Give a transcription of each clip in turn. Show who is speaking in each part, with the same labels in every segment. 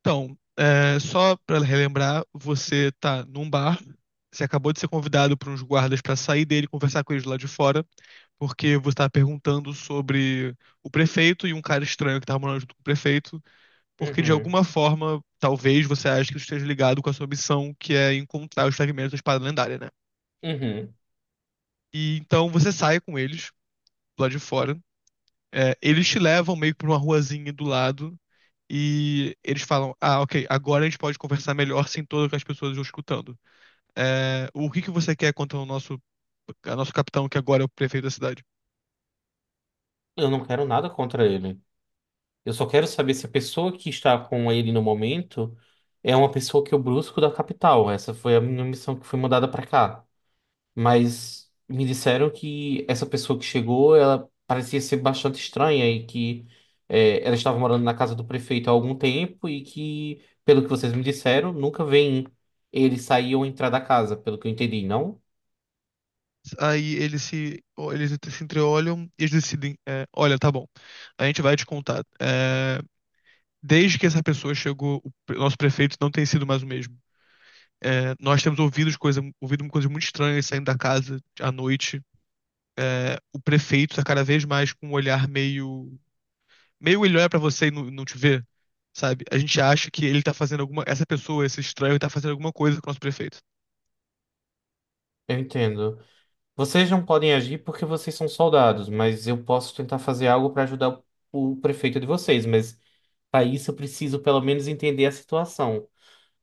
Speaker 1: Então, só pra relembrar, você tá num bar, você acabou de ser convidado por uns guardas pra sair dele e conversar com eles lá de fora, porque você tá perguntando sobre o prefeito e um cara estranho que tá morando junto com o prefeito, porque de
Speaker 2: Uhum,
Speaker 1: alguma forma, talvez você ache que isso esteja ligado com a sua missão, que é encontrar os fragmentos da espada lendária, né?
Speaker 2: uhum.
Speaker 1: E então você sai com eles lá de fora. Eles te levam meio que pra uma ruazinha do lado e eles falam: Ah, ok, agora a gente pode conversar melhor sem todas as pessoas nos escutando. O que que você quer contra a nosso capitão, que agora é o prefeito da cidade?
Speaker 2: Eu não quero nada contra ele. Eu só quero saber se a pessoa que está com ele no momento é uma pessoa que eu busco da capital. Essa foi a minha missão que foi mandada pra cá. Mas me disseram que essa pessoa que chegou, ela parecia ser bastante estranha e que ela estava morando na casa do prefeito há algum tempo e que, pelo que vocês me disseram, nunca vem ele sair ou entrar da casa, pelo que eu entendi, não?
Speaker 1: Aí eles se entreolham e eles decidem: é, Olha, tá bom, a gente vai te contar. É, desde que essa pessoa chegou, nosso prefeito não tem sido mais o mesmo. É, nós temos ouvido coisas muito estranhas saindo da casa à noite. O prefeito tá cada vez mais com um olhar meio. Meio ele olha pra você e não te vê, sabe? A gente acha que ele tá fazendo alguma. Essa pessoa, esse estranho, tá fazendo alguma coisa com o nosso prefeito.
Speaker 2: Eu entendo. Vocês não podem agir porque vocês são soldados, mas eu posso tentar fazer algo para ajudar o prefeito de vocês. Mas para isso eu preciso pelo menos entender a situação.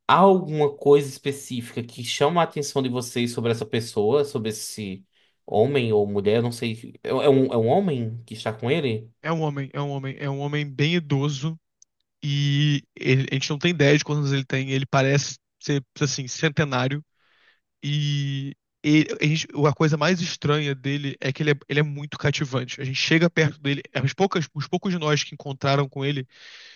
Speaker 2: Há alguma coisa específica que chama a atenção de vocês sobre essa pessoa, sobre esse homem ou mulher? Eu não sei. É um homem que está com ele?
Speaker 1: É um homem bem idoso e a gente não tem ideia de quantos anos ele tem. Ele parece ser, assim, centenário. E a coisa mais estranha dele é que ele é muito cativante. A gente chega perto dele, os poucos de nós que encontraram com ele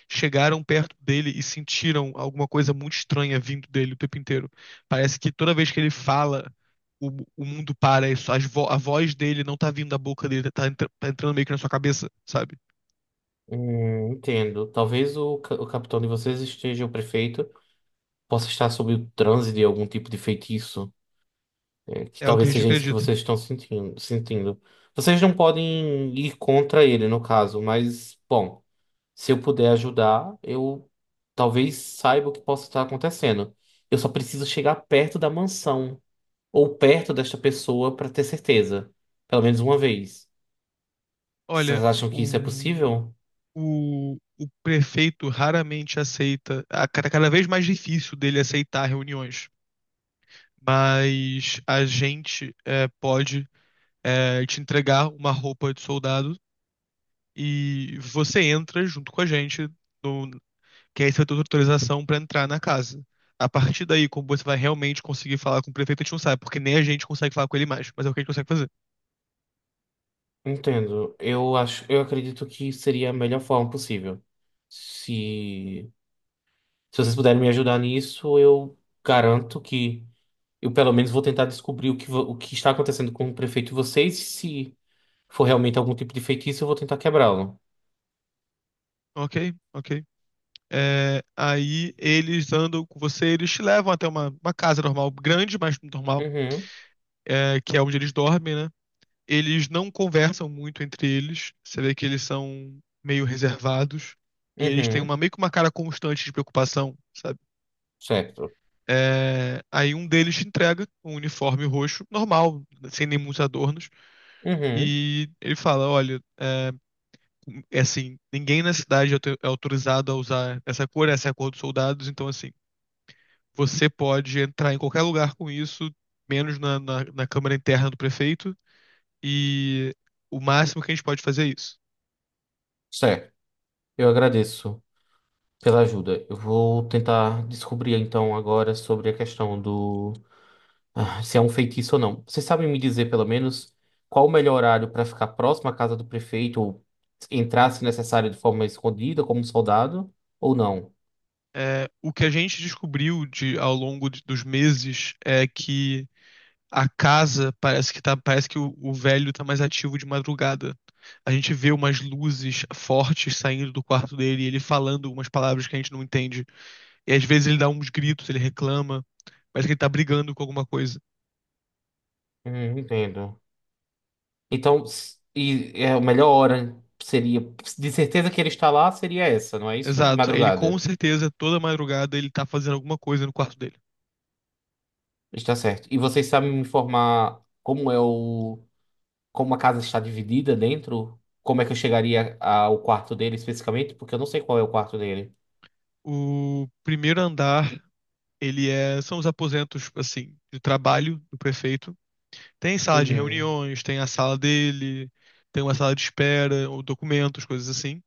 Speaker 1: chegaram perto dele e sentiram alguma coisa muito estranha vindo dele o tempo inteiro. Parece que toda vez que ele fala, o, o mundo para, isso, a voz dele não tá vindo da boca dele, tá, tá entrando meio que na sua cabeça, sabe?
Speaker 2: Entendo. Talvez o capitão de vocês esteja, o prefeito, possa estar sob o transe de algum tipo de feitiço. Que
Speaker 1: É o que a
Speaker 2: talvez
Speaker 1: gente
Speaker 2: seja isso que
Speaker 1: acredita.
Speaker 2: vocês estão sentindo, sentindo. Vocês não podem ir contra ele, no caso, mas, bom, se eu puder ajudar, eu talvez saiba o que possa estar acontecendo. Eu só preciso chegar perto da mansão ou perto desta pessoa para ter certeza, pelo menos uma vez.
Speaker 1: Olha,
Speaker 2: Vocês acham que isso é possível?
Speaker 1: o prefeito raramente aceita, a cada vez mais difícil dele aceitar reuniões, mas a gente pode te entregar uma roupa de soldado e você entra junto com a gente, no, que aí você vai ter autorização para entrar na casa. A partir daí, como você vai realmente conseguir falar com o prefeito, a gente não sabe, porque nem a gente consegue falar com ele mais, mas é o que a gente consegue fazer.
Speaker 2: Entendo. Eu acho, eu acredito que seria a melhor forma possível. Se, se vocês puderem me ajudar nisso, eu garanto que eu, pelo menos, vou tentar descobrir o que está acontecendo com o prefeito e vocês. Se for realmente algum tipo de feitiço, eu vou tentar quebrá-lo.
Speaker 1: Ok, ok. É, aí eles andam com você, eles te levam até uma casa normal, grande, mas normal,
Speaker 2: Uhum,
Speaker 1: que é onde eles dormem, né? Eles não conversam muito entre eles. Você vê que eles são meio reservados. E eles têm
Speaker 2: uhum,
Speaker 1: meio que uma cara constante de preocupação, sabe?
Speaker 2: certo.
Speaker 1: É, aí um deles te entrega um uniforme roxo, normal, sem nem muitos adornos.
Speaker 2: Uhum,
Speaker 1: E ele fala: Olha, é, é assim, ninguém na cidade é autorizado a usar essa cor, essa é a cor dos soldados, então assim. Você pode entrar em qualquer lugar com isso, menos na câmara interna do prefeito, e o máximo que a gente pode fazer é isso.
Speaker 2: certo. Eu agradeço pela ajuda. Eu vou tentar descobrir, então, agora sobre a questão do, ah, se é um feitiço ou não. Vocês sabem me dizer, pelo menos, qual o melhor horário para ficar próximo à casa do prefeito ou entrar, se necessário, de forma escondida, como um soldado, ou não?
Speaker 1: É, o que a gente descobriu ao longo dos meses é que a casa parece que tá, parece que o velho está mais ativo de madrugada. A gente vê umas luzes fortes saindo do quarto dele, e ele falando umas palavras que a gente não entende. E às vezes ele dá uns gritos, ele reclama, parece que ele tá brigando com alguma coisa.
Speaker 2: Uhum, entendo. Então, e é a melhor hora seria, de certeza que ele está lá, seria essa, não é isso?
Speaker 1: Exato. Ele com
Speaker 2: Madrugada.
Speaker 1: certeza, toda madrugada, ele tá fazendo alguma coisa no quarto dele.
Speaker 2: Está certo. E vocês sabem me informar como a casa está dividida dentro? Como é que eu chegaria ao quarto dele especificamente? Porque eu não sei qual é o quarto dele.
Speaker 1: O primeiro andar, ele é. São os aposentos, assim, de trabalho do prefeito. Tem sala de
Speaker 2: Uhum.
Speaker 1: reuniões, tem a sala dele, tem uma sala de espera, ou documentos, coisas assim.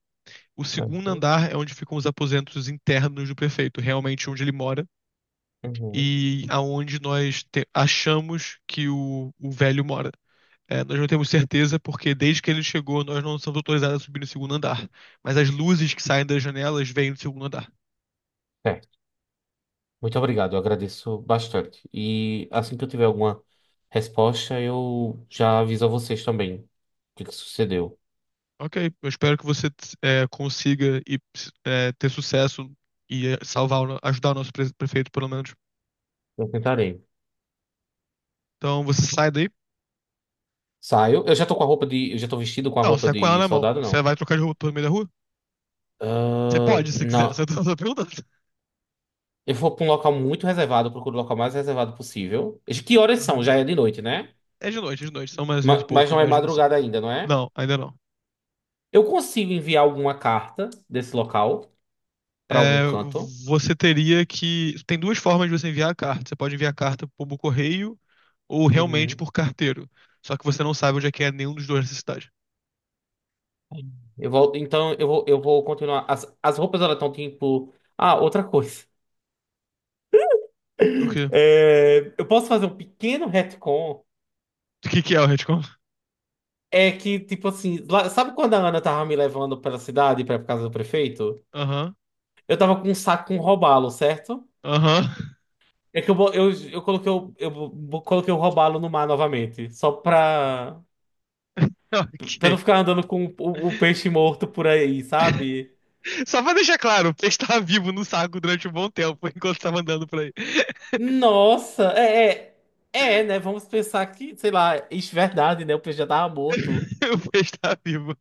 Speaker 1: O segundo
Speaker 2: Certo.
Speaker 1: andar é onde ficam os aposentos internos do prefeito, realmente onde ele mora,
Speaker 2: Uhum.
Speaker 1: e aonde achamos que o velho mora. É, nós não temos certeza porque desde que ele chegou nós não somos autorizados a subir no segundo andar. Mas as luzes que saem das janelas vêm do segundo andar.
Speaker 2: Certo. Muito obrigado, eu agradeço bastante. E assim que eu tiver alguma resposta, eu já aviso a vocês também o que que sucedeu.
Speaker 1: Ok, eu espero que você consiga ter sucesso e salvar, o no- ajudar o nosso prefeito pelo menos.
Speaker 2: Eu tentarei.
Speaker 1: Então você sai daí?
Speaker 2: Saio. Eu já tô vestido com a
Speaker 1: Não, você
Speaker 2: roupa
Speaker 1: tá com ela
Speaker 2: de
Speaker 1: na mão.
Speaker 2: soldado,
Speaker 1: Você
Speaker 2: não.
Speaker 1: vai trocar de roupa pelo meio da rua? Você
Speaker 2: Ah,
Speaker 1: pode, se quiser. Você
Speaker 2: não.
Speaker 1: tá só perguntando.
Speaker 2: Eu vou pra um local muito reservado, eu procuro o local mais reservado possível. De Que horas são?
Speaker 1: Uhum.
Speaker 2: Já é de noite, né?
Speaker 1: É de noite, é de noite. São mais oito e
Speaker 2: Mas
Speaker 1: pouco,
Speaker 2: não é
Speaker 1: imagina assim.
Speaker 2: madrugada ainda, não é?
Speaker 1: Não, ainda não.
Speaker 2: Eu consigo enviar alguma carta desse local pra
Speaker 1: é,
Speaker 2: algum canto.
Speaker 1: Você teria que. Tem duas formas de você enviar a carta. Você pode enviar a carta por correio ou realmente
Speaker 2: Uhum.
Speaker 1: por carteiro. Só que você não sabe onde é que é nenhum dos dois nessa cidade.
Speaker 2: Eu vou, então eu vou continuar. As roupas elas estão tipo. Ah, outra coisa.
Speaker 1: O quê?
Speaker 2: Eu posso fazer um pequeno retcon.
Speaker 1: O que que é o retcon?
Speaker 2: É que, tipo assim, sabe quando a Ana tava me levando pela cidade pra casa do prefeito?
Speaker 1: Aham,
Speaker 2: Eu tava com um saco com um robalo, certo?
Speaker 1: aham.
Speaker 2: É que eu coloquei o robalo no mar novamente, só pra
Speaker 1: Ok.
Speaker 2: não ficar andando com o peixe morto por aí, sabe?
Speaker 1: Só pra deixar claro, o peixe tava vivo no saco durante um bom tempo, enquanto tava andando por aí.
Speaker 2: Nossa, é, né? Vamos pensar que, sei lá, isso é verdade, né? O peixe já tava morto.
Speaker 1: O peixe tava vivo.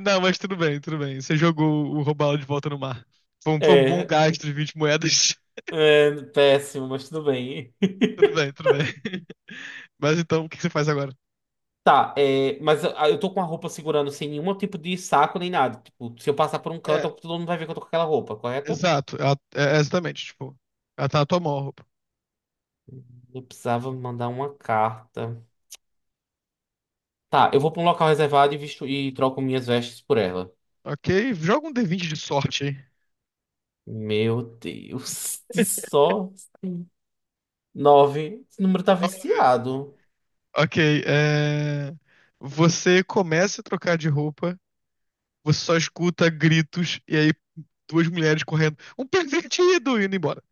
Speaker 1: Não, mas tudo bem, tudo bem. Você jogou o robalo de volta no mar. Foi foi um bom
Speaker 2: É,
Speaker 1: gasto de 20 moedas.
Speaker 2: é péssimo, mas tudo bem.
Speaker 1: Tudo bem, tudo bem. Mas então, o que que você faz agora?
Speaker 2: Tá, mas eu tô com a roupa segurando sem nenhum tipo de saco nem nada. Tipo, se eu passar por um
Speaker 1: É,
Speaker 2: canto, todo mundo vai ver que eu tô com aquela roupa, correto?
Speaker 1: exato. É, é exatamente, tipo, ela tá na tua mão, a roupa.
Speaker 2: Eu precisava mandar uma carta. Tá, eu vou pra um local reservado e visto e troco minhas vestes por ela.
Speaker 1: Ok, joga um D20 de sorte aí.
Speaker 2: Meu Deus, que só assim. Nove. Esse número tá
Speaker 1: Vamos ver.
Speaker 2: viciado.
Speaker 1: Ok, é... Você começa a trocar de roupa, você só escuta gritos e aí duas mulheres correndo. Um pervertido! Indo embora.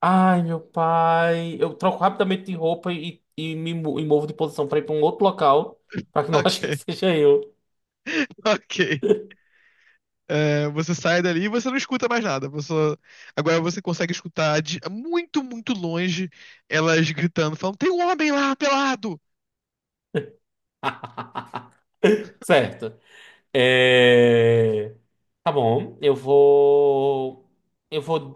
Speaker 2: Ai, meu pai. Eu troco rapidamente de roupa e me movo de posição pra ir pra um outro local, pra que não achem que
Speaker 1: Ok,
Speaker 2: seja eu.
Speaker 1: ok. É, você sai dali e você não escuta mais nada. Você... Agora você consegue escutar de muito, muito longe elas gritando, falando: tem um homem lá pelado!
Speaker 2: Certo. É, Tá bom, eu vou. Eu vou.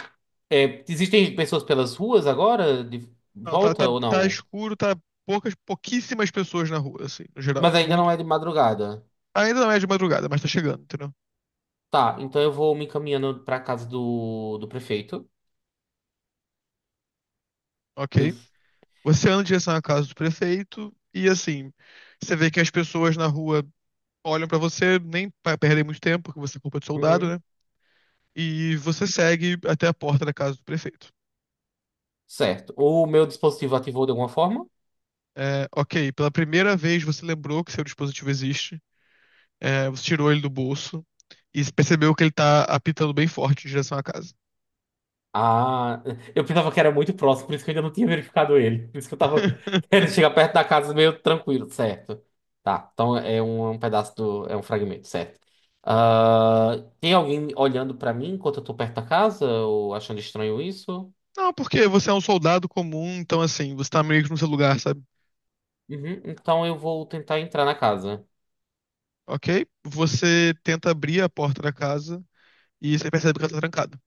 Speaker 2: Existem pessoas pelas ruas agora, de
Speaker 1: Não,
Speaker 2: volta ou
Speaker 1: tá
Speaker 2: não?
Speaker 1: escuro, tá poucas, pouquíssimas pessoas na rua, assim, no geral.
Speaker 2: Mas ainda
Speaker 1: Muito.
Speaker 2: não é de madrugada.
Speaker 1: Ainda não é de madrugada, mas tá chegando, entendeu?
Speaker 2: Tá, então eu vou me encaminhando pra casa do prefeito. Eu...
Speaker 1: Ok. Você anda em direção à casa do prefeito e, assim, você vê que as pessoas na rua olham pra você, nem pra perder muito tempo, porque você é culpa de soldado,
Speaker 2: Uhum,
Speaker 1: né? E você segue até a porta da casa do prefeito.
Speaker 2: certo. O meu dispositivo ativou de alguma forma?
Speaker 1: É, ok, pela primeira vez você lembrou que seu dispositivo existe, você tirou ele do bolso e percebeu que ele tá apitando bem forte em direção à casa.
Speaker 2: Ah, eu pensava que era muito próximo, por isso que eu ainda não tinha verificado ele. Por isso que eu tava querendo chegar perto da casa meio tranquilo, certo? Tá, então é um pedaço do. É um fragmento, certo? Ah, tem alguém olhando pra mim enquanto eu tô perto da casa? Ou achando estranho isso?
Speaker 1: Não, porque você é um soldado comum, então assim, você tá meio que no seu lugar, sabe?
Speaker 2: Uhum, então eu vou tentar entrar na casa.
Speaker 1: Ok? Você tenta abrir a porta da casa e você percebe que ela tá trancada.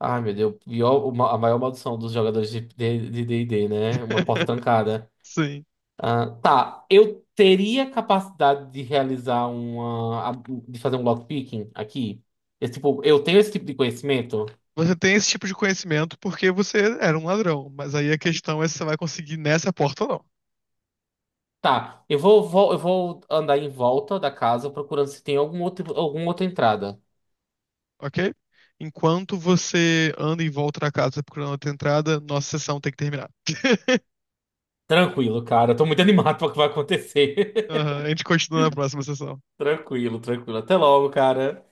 Speaker 2: Ai, meu Deus, pior, a maior maldição dos jogadores de D&D, né? Uma porta trancada.
Speaker 1: Sim.
Speaker 2: Ah, tá, eu teria capacidade de realizar de fazer um lockpicking aqui. Esse tipo, eu tenho esse tipo de conhecimento.
Speaker 1: Você tem esse tipo de conhecimento porque você era um ladrão, mas aí a questão é se você vai conseguir nessa porta ou não.
Speaker 2: Tá, eu vou andar em volta da casa procurando se tem algum outro, alguma outra entrada.
Speaker 1: Ok? Enquanto você anda em volta da casa procurando outra entrada, nossa sessão tem que terminar.
Speaker 2: Tranquilo, cara. Eu tô muito animado para o que vai acontecer.
Speaker 1: Aham, a gente continua na próxima sessão.
Speaker 2: Tranquilo, tranquilo. Até logo, cara.